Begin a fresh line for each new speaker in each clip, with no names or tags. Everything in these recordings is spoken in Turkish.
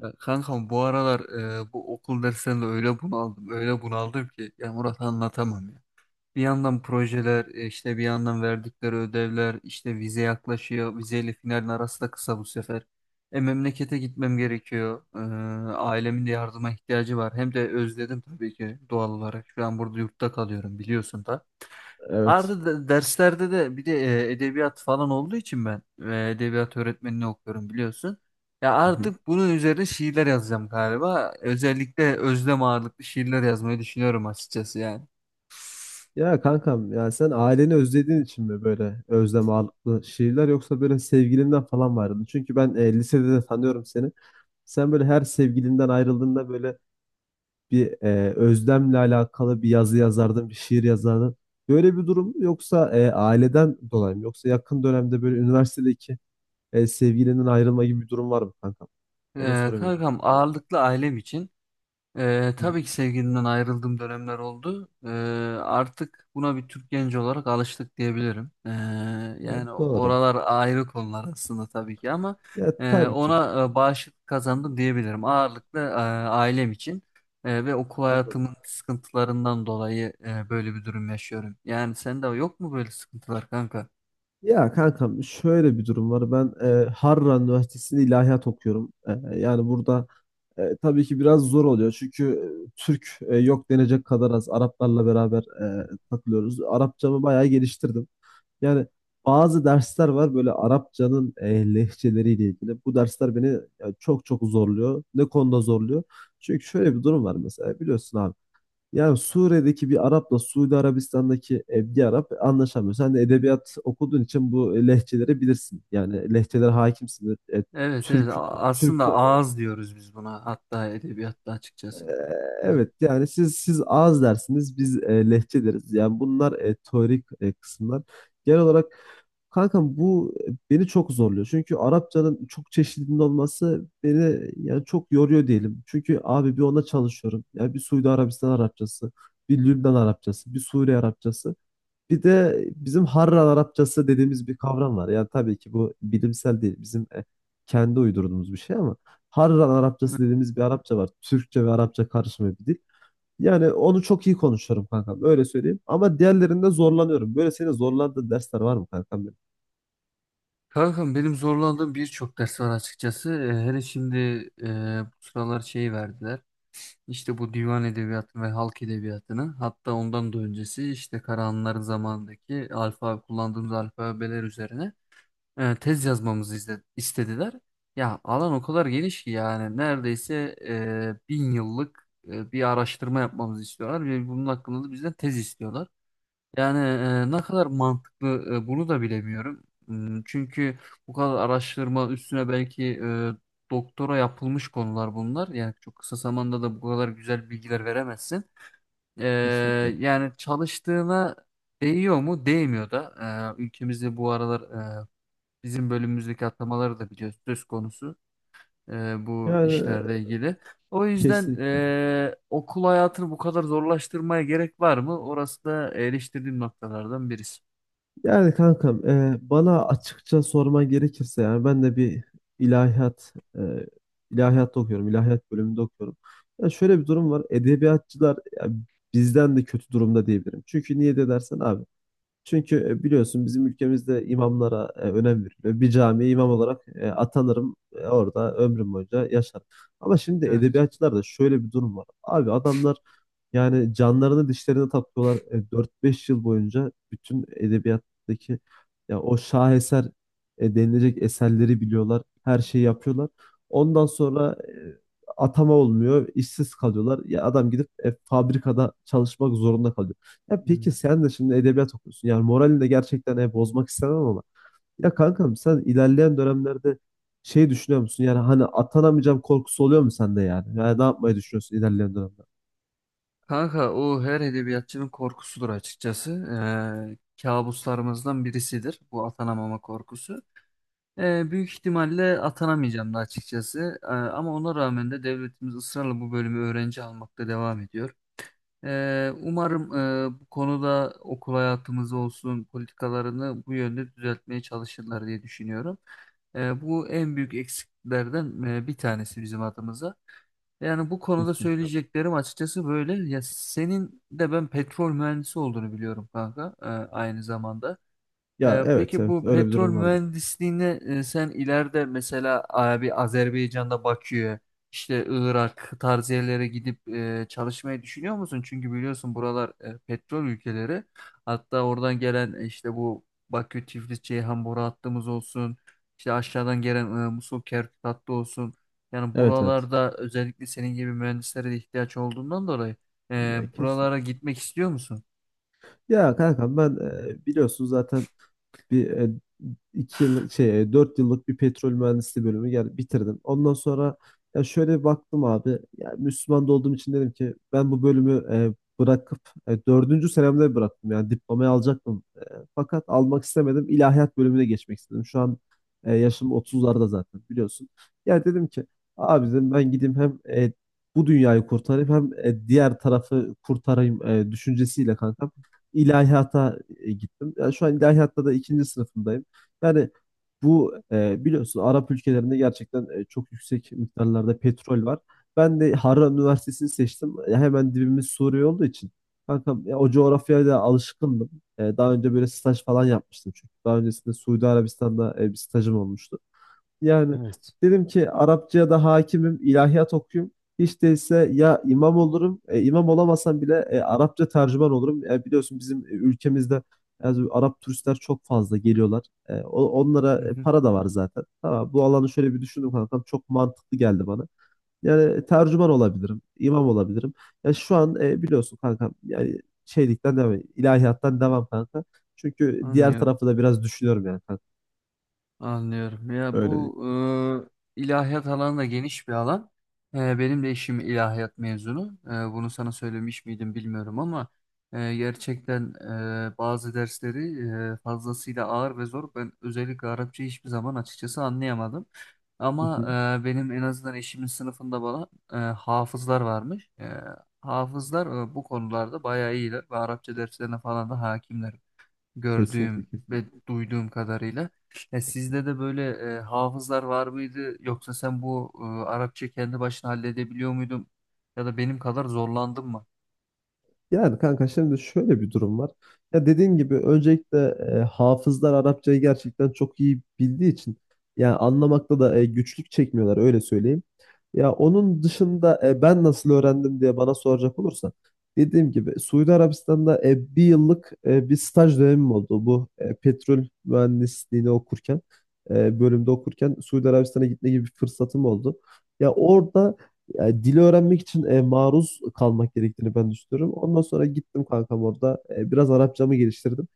Ya kankam, bu aralar bu okul dersleriyle öyle bunaldım, öyle bunaldım ki ya Murat, anlatamam ya. Bir yandan projeler, işte bir yandan verdikleri ödevler, işte vize yaklaşıyor. Vizeyle finalin arası da kısa bu sefer. Memlekete gitmem gerekiyor. Ailemin de yardıma ihtiyacı var. Hem de özledim, tabii ki, doğal olarak. Şu an burada yurtta kalıyorum biliyorsun da.
Evet.
Arada derslerde de bir de edebiyat falan olduğu için ben edebiyat öğretmenini okuyorum biliyorsun. Ya
Hı hı.
artık bunun üzerine şiirler yazacağım galiba. Özellikle özlem ağırlıklı şiirler yazmayı düşünüyorum açıkçası yani.
Ya kankam ya sen aileni özlediğin için mi böyle özlem ağırlıklı şiirler yoksa böyle sevgilinden falan var mı? Çünkü ben lisede de tanıyorum seni. Sen böyle her sevgilinden ayrıldığında böyle bir özlemle alakalı bir yazı yazardın, bir şiir yazardın. Böyle bir durum yoksa aileden dolayı mı? Yoksa yakın dönemde böyle üniversitedeki sevgilinin ayrılma gibi bir durum var mı kankam? Onu sorayım hocam
Kankam,
sana.
ağırlıklı ailem için.
Hı hı.
Tabii ki sevgilimden ayrıldığım dönemler oldu. Artık buna bir Türk genci olarak alıştık diyebilirim.
Ya
Yani
doğru.
oralar ayrı konular aslında tabii ki, ama
Ya tabii ki.
ona bağışıklık kazandım diyebilirim. Ağırlıklı ailem için ve okul
Anladım.
hayatımın sıkıntılarından dolayı böyle bir durum yaşıyorum. Yani sende yok mu böyle sıkıntılar kanka?
Ya kankam şöyle bir durum var. Ben Harran Üniversitesi'nde ilahiyat okuyorum. Yani burada tabii ki biraz zor oluyor. Çünkü Türk yok denecek kadar az. Araplarla beraber takılıyoruz. Arapçamı bayağı geliştirdim. Yani bazı dersler var böyle Arapçanın lehçeleriyle ilgili. Bu dersler beni çok çok zorluyor. Ne konuda zorluyor? Çünkü şöyle bir durum var mesela biliyorsun abi. Ya Suriye'deki bir Arap'la Suudi Arabistan'daki bir Arap anlaşamıyor. Sen de edebiyat okuduğun için bu lehçeleri bilirsin. Yani lehçelere hakimsindir. E,
Evet, evet.
Türk, Türk
Aslında ağız diyoruz biz buna, hatta edebiyatta
ee,
açıkçası.
Evet, yani siz ağız dersiniz biz lehçe deriz. Yani bunlar teorik kısımlar. Genel olarak kankam bu beni çok zorluyor. Çünkü Arapçanın çok çeşitliliğinin olması beni yani çok yoruyor diyelim. Çünkü abi bir ona çalışıyorum. Yani bir Suudi Arabistan Arapçası, bir Lübnan Arapçası, bir Suriye Arapçası. Bir de bizim Harran Arapçası dediğimiz bir kavram var. Yani tabii ki bu bilimsel değil. Bizim kendi uydurduğumuz bir şey ama Harran
Hı.
Arapçası dediğimiz bir Arapça var. Türkçe ve Arapça karışımı bir dil. Yani onu çok iyi konuşuyorum kankam. Öyle söyleyeyim. Ama diğerlerinde zorlanıyorum. Böyle seni zorlandığın dersler var mı kankam benim?
Kankam, benim zorlandığım birçok ders var açıkçası. Hele şimdi e, bu sıralar şey verdiler. İşte bu divan edebiyatını ve halk edebiyatını, hatta ondan da öncesi işte Karahanlıların zamanındaki alfabe, kullandığımız alfabeler üzerine tez yazmamızı istediler. Ya alan o kadar geniş ki yani neredeyse bin yıllık bir araştırma yapmamızı istiyorlar ve bunun hakkında da bizden tez istiyorlar. Yani ne kadar mantıklı bunu da bilemiyorum. Çünkü bu kadar araştırma üstüne belki doktora yapılmış konular bunlar. Yani çok kısa zamanda da bu kadar güzel bilgiler veremezsin. E,
Kesinlikle.
Yani çalıştığına değiyor mu? Değmiyor da. Ülkemizde bu aralar e, bizim bölümümüzdeki atamaları da biliyoruz, söz konusu bu
Yani
işlerle ilgili. O yüzden
kesinlikle.
okul hayatını bu kadar zorlaştırmaya gerek var mı? Orası da eleştirdiğim noktalardan birisi.
Yani kankam bana açıkça sorman gerekirse yani ben de bir ilahiyat e, ilahiyatta okuyorum. İlahiyat bölümünde okuyorum. Ya şöyle bir durum var. Edebiyatçılar ya, bizden de kötü durumda diyebilirim. Çünkü niye de dersen abi, çünkü biliyorsun bizim ülkemizde imamlara önem veriliyor. Bir camiye imam olarak atanırım. Orada ömrüm boyunca yaşarım. Ama şimdi
Evet.
edebiyatçılarda şöyle bir durum var. Abi adamlar yani canlarını dişlerine takıyorlar. 4-5 yıl boyunca bütün edebiyattaki ya o şaheser denilecek eserleri biliyorlar. Her şeyi yapıyorlar. Ondan sonra atama olmuyor. İşsiz kalıyorlar. Ya adam gidip fabrikada çalışmak zorunda kalıyor. Ya
Hmm.
peki sen de şimdi edebiyat okuyorsun. Yani moralini de gerçekten bozmak istemem ama. Ya kankam sen ilerleyen dönemlerde şey düşünüyor musun? Yani hani atanamayacağım korkusu oluyor mu sende yani? Yani ne yapmayı düşünüyorsun ilerleyen dönemlerde?
Kanka, o her edebiyatçının korkusudur açıkçası. Ee, Kabuslarımızdan birisidir bu atanamama korkusu. Büyük ihtimalle atanamayacağım da açıkçası. Ama ona rağmen de devletimiz ısrarla bu bölümü öğrenci almakta devam ediyor. Umarım bu konuda okul hayatımız olsun, politikalarını bu yönde düzeltmeye çalışırlar diye düşünüyorum. Bu en büyük eksiklerden bir tanesi bizim adımıza. Yani bu konuda
Kesinlikle.
söyleyeceklerim açıkçası böyle. Ya senin de ben petrol mühendisi olduğunu biliyorum kanka, aynı zamanda.
Ya, evet
Peki
evet,
bu
öyle bir
petrol
durum vardı.
mühendisliğine sen ileride mesela abi Azerbaycan'da Bakü'ye, işte Irak tarzı yerlere gidip çalışmayı düşünüyor musun? Çünkü biliyorsun buralar petrol ülkeleri. Hatta oradan gelen işte bu Bakü, Tiflis, Ceyhan boru hattımız olsun, işte aşağıdan gelen Musul, Kerkük hattı olsun. Yani
Evet evet.
buralarda özellikle senin gibi mühendislere de ihtiyaç olduğundan dolayı
Ya kesin.
buralara gitmek istiyor musun?
Ya kankam ben biliyorsun zaten bir 2 yıl şey 4 yıllık bir petrol mühendisliği bölümü bitirdim. Ondan sonra ya şöyle bir baktım abi. Ya Müslüman da olduğum için dedim ki ben bu bölümü bırakıp dördüncü senemde bıraktım. Yani diplomayı alacaktım. Fakat almak istemedim. İlahiyat bölümüne geçmek istedim. Şu an yaşım 30'larda zaten biliyorsun. Ya dedim ki abi, dedim ben gideyim hem bu dünyayı kurtarayım hem diğer tarafı kurtarayım düşüncesiyle kankam ilahiyata gittim. Yani şu an ilahiyatta da ikinci sınıfındayım. Yani bu biliyorsun Arap ülkelerinde gerçekten çok yüksek miktarlarda petrol var. Ben de Harran Üniversitesi'ni seçtim. Hemen dibimiz Suriye olduğu için. Kankam ya o coğrafyaya da alışkındım. Daha önce böyle staj falan yapmıştım çünkü. Daha öncesinde Suudi Arabistan'da bir stajım olmuştu. Yani
Evet.
dedim ki Arapçaya da hakimim, ilahiyat okuyayım. Hiç değilse ya imam olurum, imam olamasam bile Arapça tercüman olurum. Biliyorsun bizim ülkemizde yani Arap turistler çok fazla geliyorlar.
Hı
Onlara
hı,
para da var zaten. Tamam, bu alanı şöyle bir düşündüm kankam. Çok mantıklı geldi bana. Yani tercüman olabilirim, imam olabilirim. Ya şu an biliyorsun kankam yani şeylikten devam, ilahiyattan devam kanka. Çünkü diğer
anlıyorum.
tarafı da biraz düşünüyorum yani kanka.
Anlıyorum. Ya
Öyle değil.
bu ilahiyat alanı da geniş bir alan. Benim de eşim ilahiyat mezunu. Bunu sana söylemiş miydim bilmiyorum ama gerçekten bazı dersleri fazlasıyla ağır ve zor. Ben özellikle Arapça hiçbir zaman açıkçası anlayamadım.
Hı
Ama
hı.
benim en azından eşimin sınıfında bana hafızlar varmış. Hafızlar bu konularda bayağı iyiler ve Arapça derslerine falan da hakimler, gördüğüm
Kesinlikle
ve
kesinlikle.
duyduğum kadarıyla. Ya sizde de böyle hafızlar var mıydı? Yoksa sen bu Arapça kendi başına halledebiliyor muydun? Ya da benim kadar zorlandın mı?
Yani kanka şimdi şöyle bir durum var. Ya dediğin gibi öncelikle hafızlar Arapçayı gerçekten çok iyi bildiği için yani anlamakta da güçlük çekmiyorlar öyle söyleyeyim. Ya onun dışında ben nasıl öğrendim diye bana soracak olursan dediğim gibi Suudi Arabistan'da bir yıllık bir staj dönemim oldu. Bu petrol mühendisliğini okurken bölümde okurken Suudi Arabistan'a gitme gibi bir fırsatım oldu. Ya orada yani dili öğrenmek için maruz kalmak gerektiğini ben düşünüyorum. Ondan sonra gittim kankam orada. Biraz Arapçamı geliştirdim.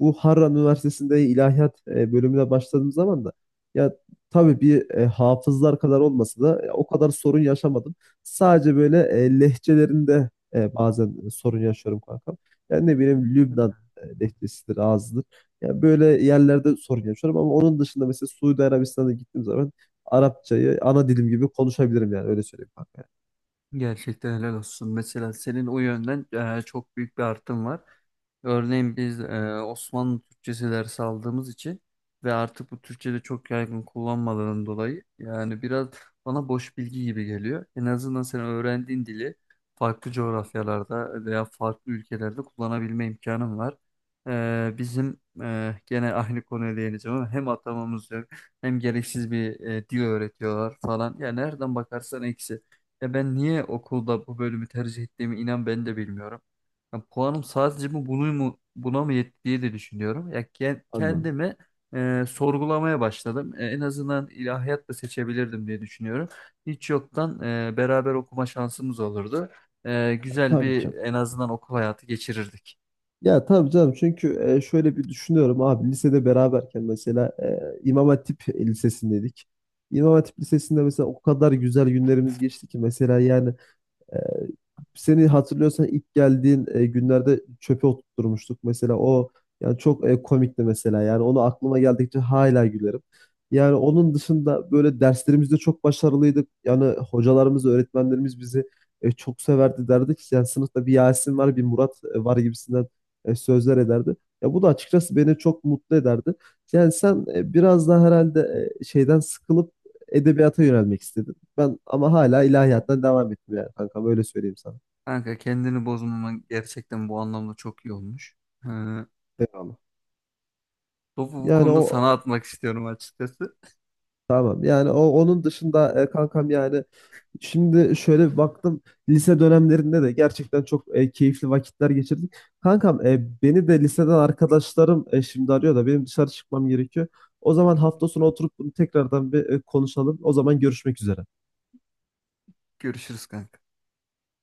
Bu Harran Üniversitesi'nde ilahiyat bölümüne başladığım zaman da ya tabii bir hafızlar kadar olmasa da o kadar sorun yaşamadım. Sadece böyle lehçelerinde bazen sorun yaşıyorum kankam. Yani ne bileyim Lübnan lehçesidir, ağzıdır. Yani böyle yerlerde sorun yaşıyorum ama onun dışında mesela Suudi Arabistan'a gittiğim zaman Arapçayı ana dilim gibi konuşabilirim yani öyle söyleyeyim kanka.
Gerçekten helal olsun. Mesela senin o yönden çok büyük bir artım var. Örneğin biz Osmanlı Türkçesi dersi aldığımız için ve artık bu Türkçe'de çok yaygın kullanmalarının dolayı yani biraz bana boş bilgi gibi geliyor. En azından sen öğrendiğin dili farklı coğrafyalarda veya farklı ülkelerde kullanabilme imkanın var. Bizim gene aynı konuya değineceğim, ama hem atamamız yok, hem gereksiz bir dil öğretiyorlar falan. Yani nereden bakarsan eksi. Ya ben niye okulda bu bölümü tercih ettiğimi inan ben de bilmiyorum. Ya puanım sadece bu bunu mu buna mı yetti diye de düşünüyorum. Ya
Anladım.
kendimi sorgulamaya başladım. En azından ilahiyat da seçebilirdim diye düşünüyorum. Hiç yoktan beraber okuma şansımız olurdu. Güzel
Tabii
bir
ki.
en azından okul hayatı geçirirdik.
Ya tabii canım, çünkü şöyle bir düşünüyorum abi, lisede beraberken mesela İmam Hatip Lisesi'ndeydik. İmam Hatip Lisesi'nde mesela o kadar güzel günlerimiz geçti ki mesela yani, Ee, seni hatırlıyorsan ilk geldiğin günlerde çöpe oturtmuştuk mesela, o yani çok komikti mesela, yani onu aklıma geldikçe hala gülerim. Yani onun dışında böyle derslerimizde çok başarılıydık. Yani hocalarımız, öğretmenlerimiz bizi çok severdi, derdi ki yani sınıfta bir Yasin var, bir Murat var gibisinden sözler ederdi. Ya bu da açıkçası beni çok mutlu ederdi. Yani sen biraz daha herhalde şeyden sıkılıp edebiyata yönelmek istedin. Ben ama hala ilahiyattan devam ettim yani kankam, öyle söyleyeyim sana.
Kanka, kendini bozmaman gerçekten bu anlamda çok iyi olmuş. E,
Eyvallah.
Topu bu
Yani
konuda
o
sana atmak istiyorum açıkçası.
tamam, yani o onun dışında kankam yani şimdi şöyle bir baktım lise dönemlerinde de gerçekten çok keyifli vakitler geçirdik. Kankam beni de liseden arkadaşlarım şimdi arıyor da benim dışarı çıkmam gerekiyor. O zaman hafta sonu oturup bunu tekrardan bir konuşalım. O zaman görüşmek üzere.
Görüşürüz kanka.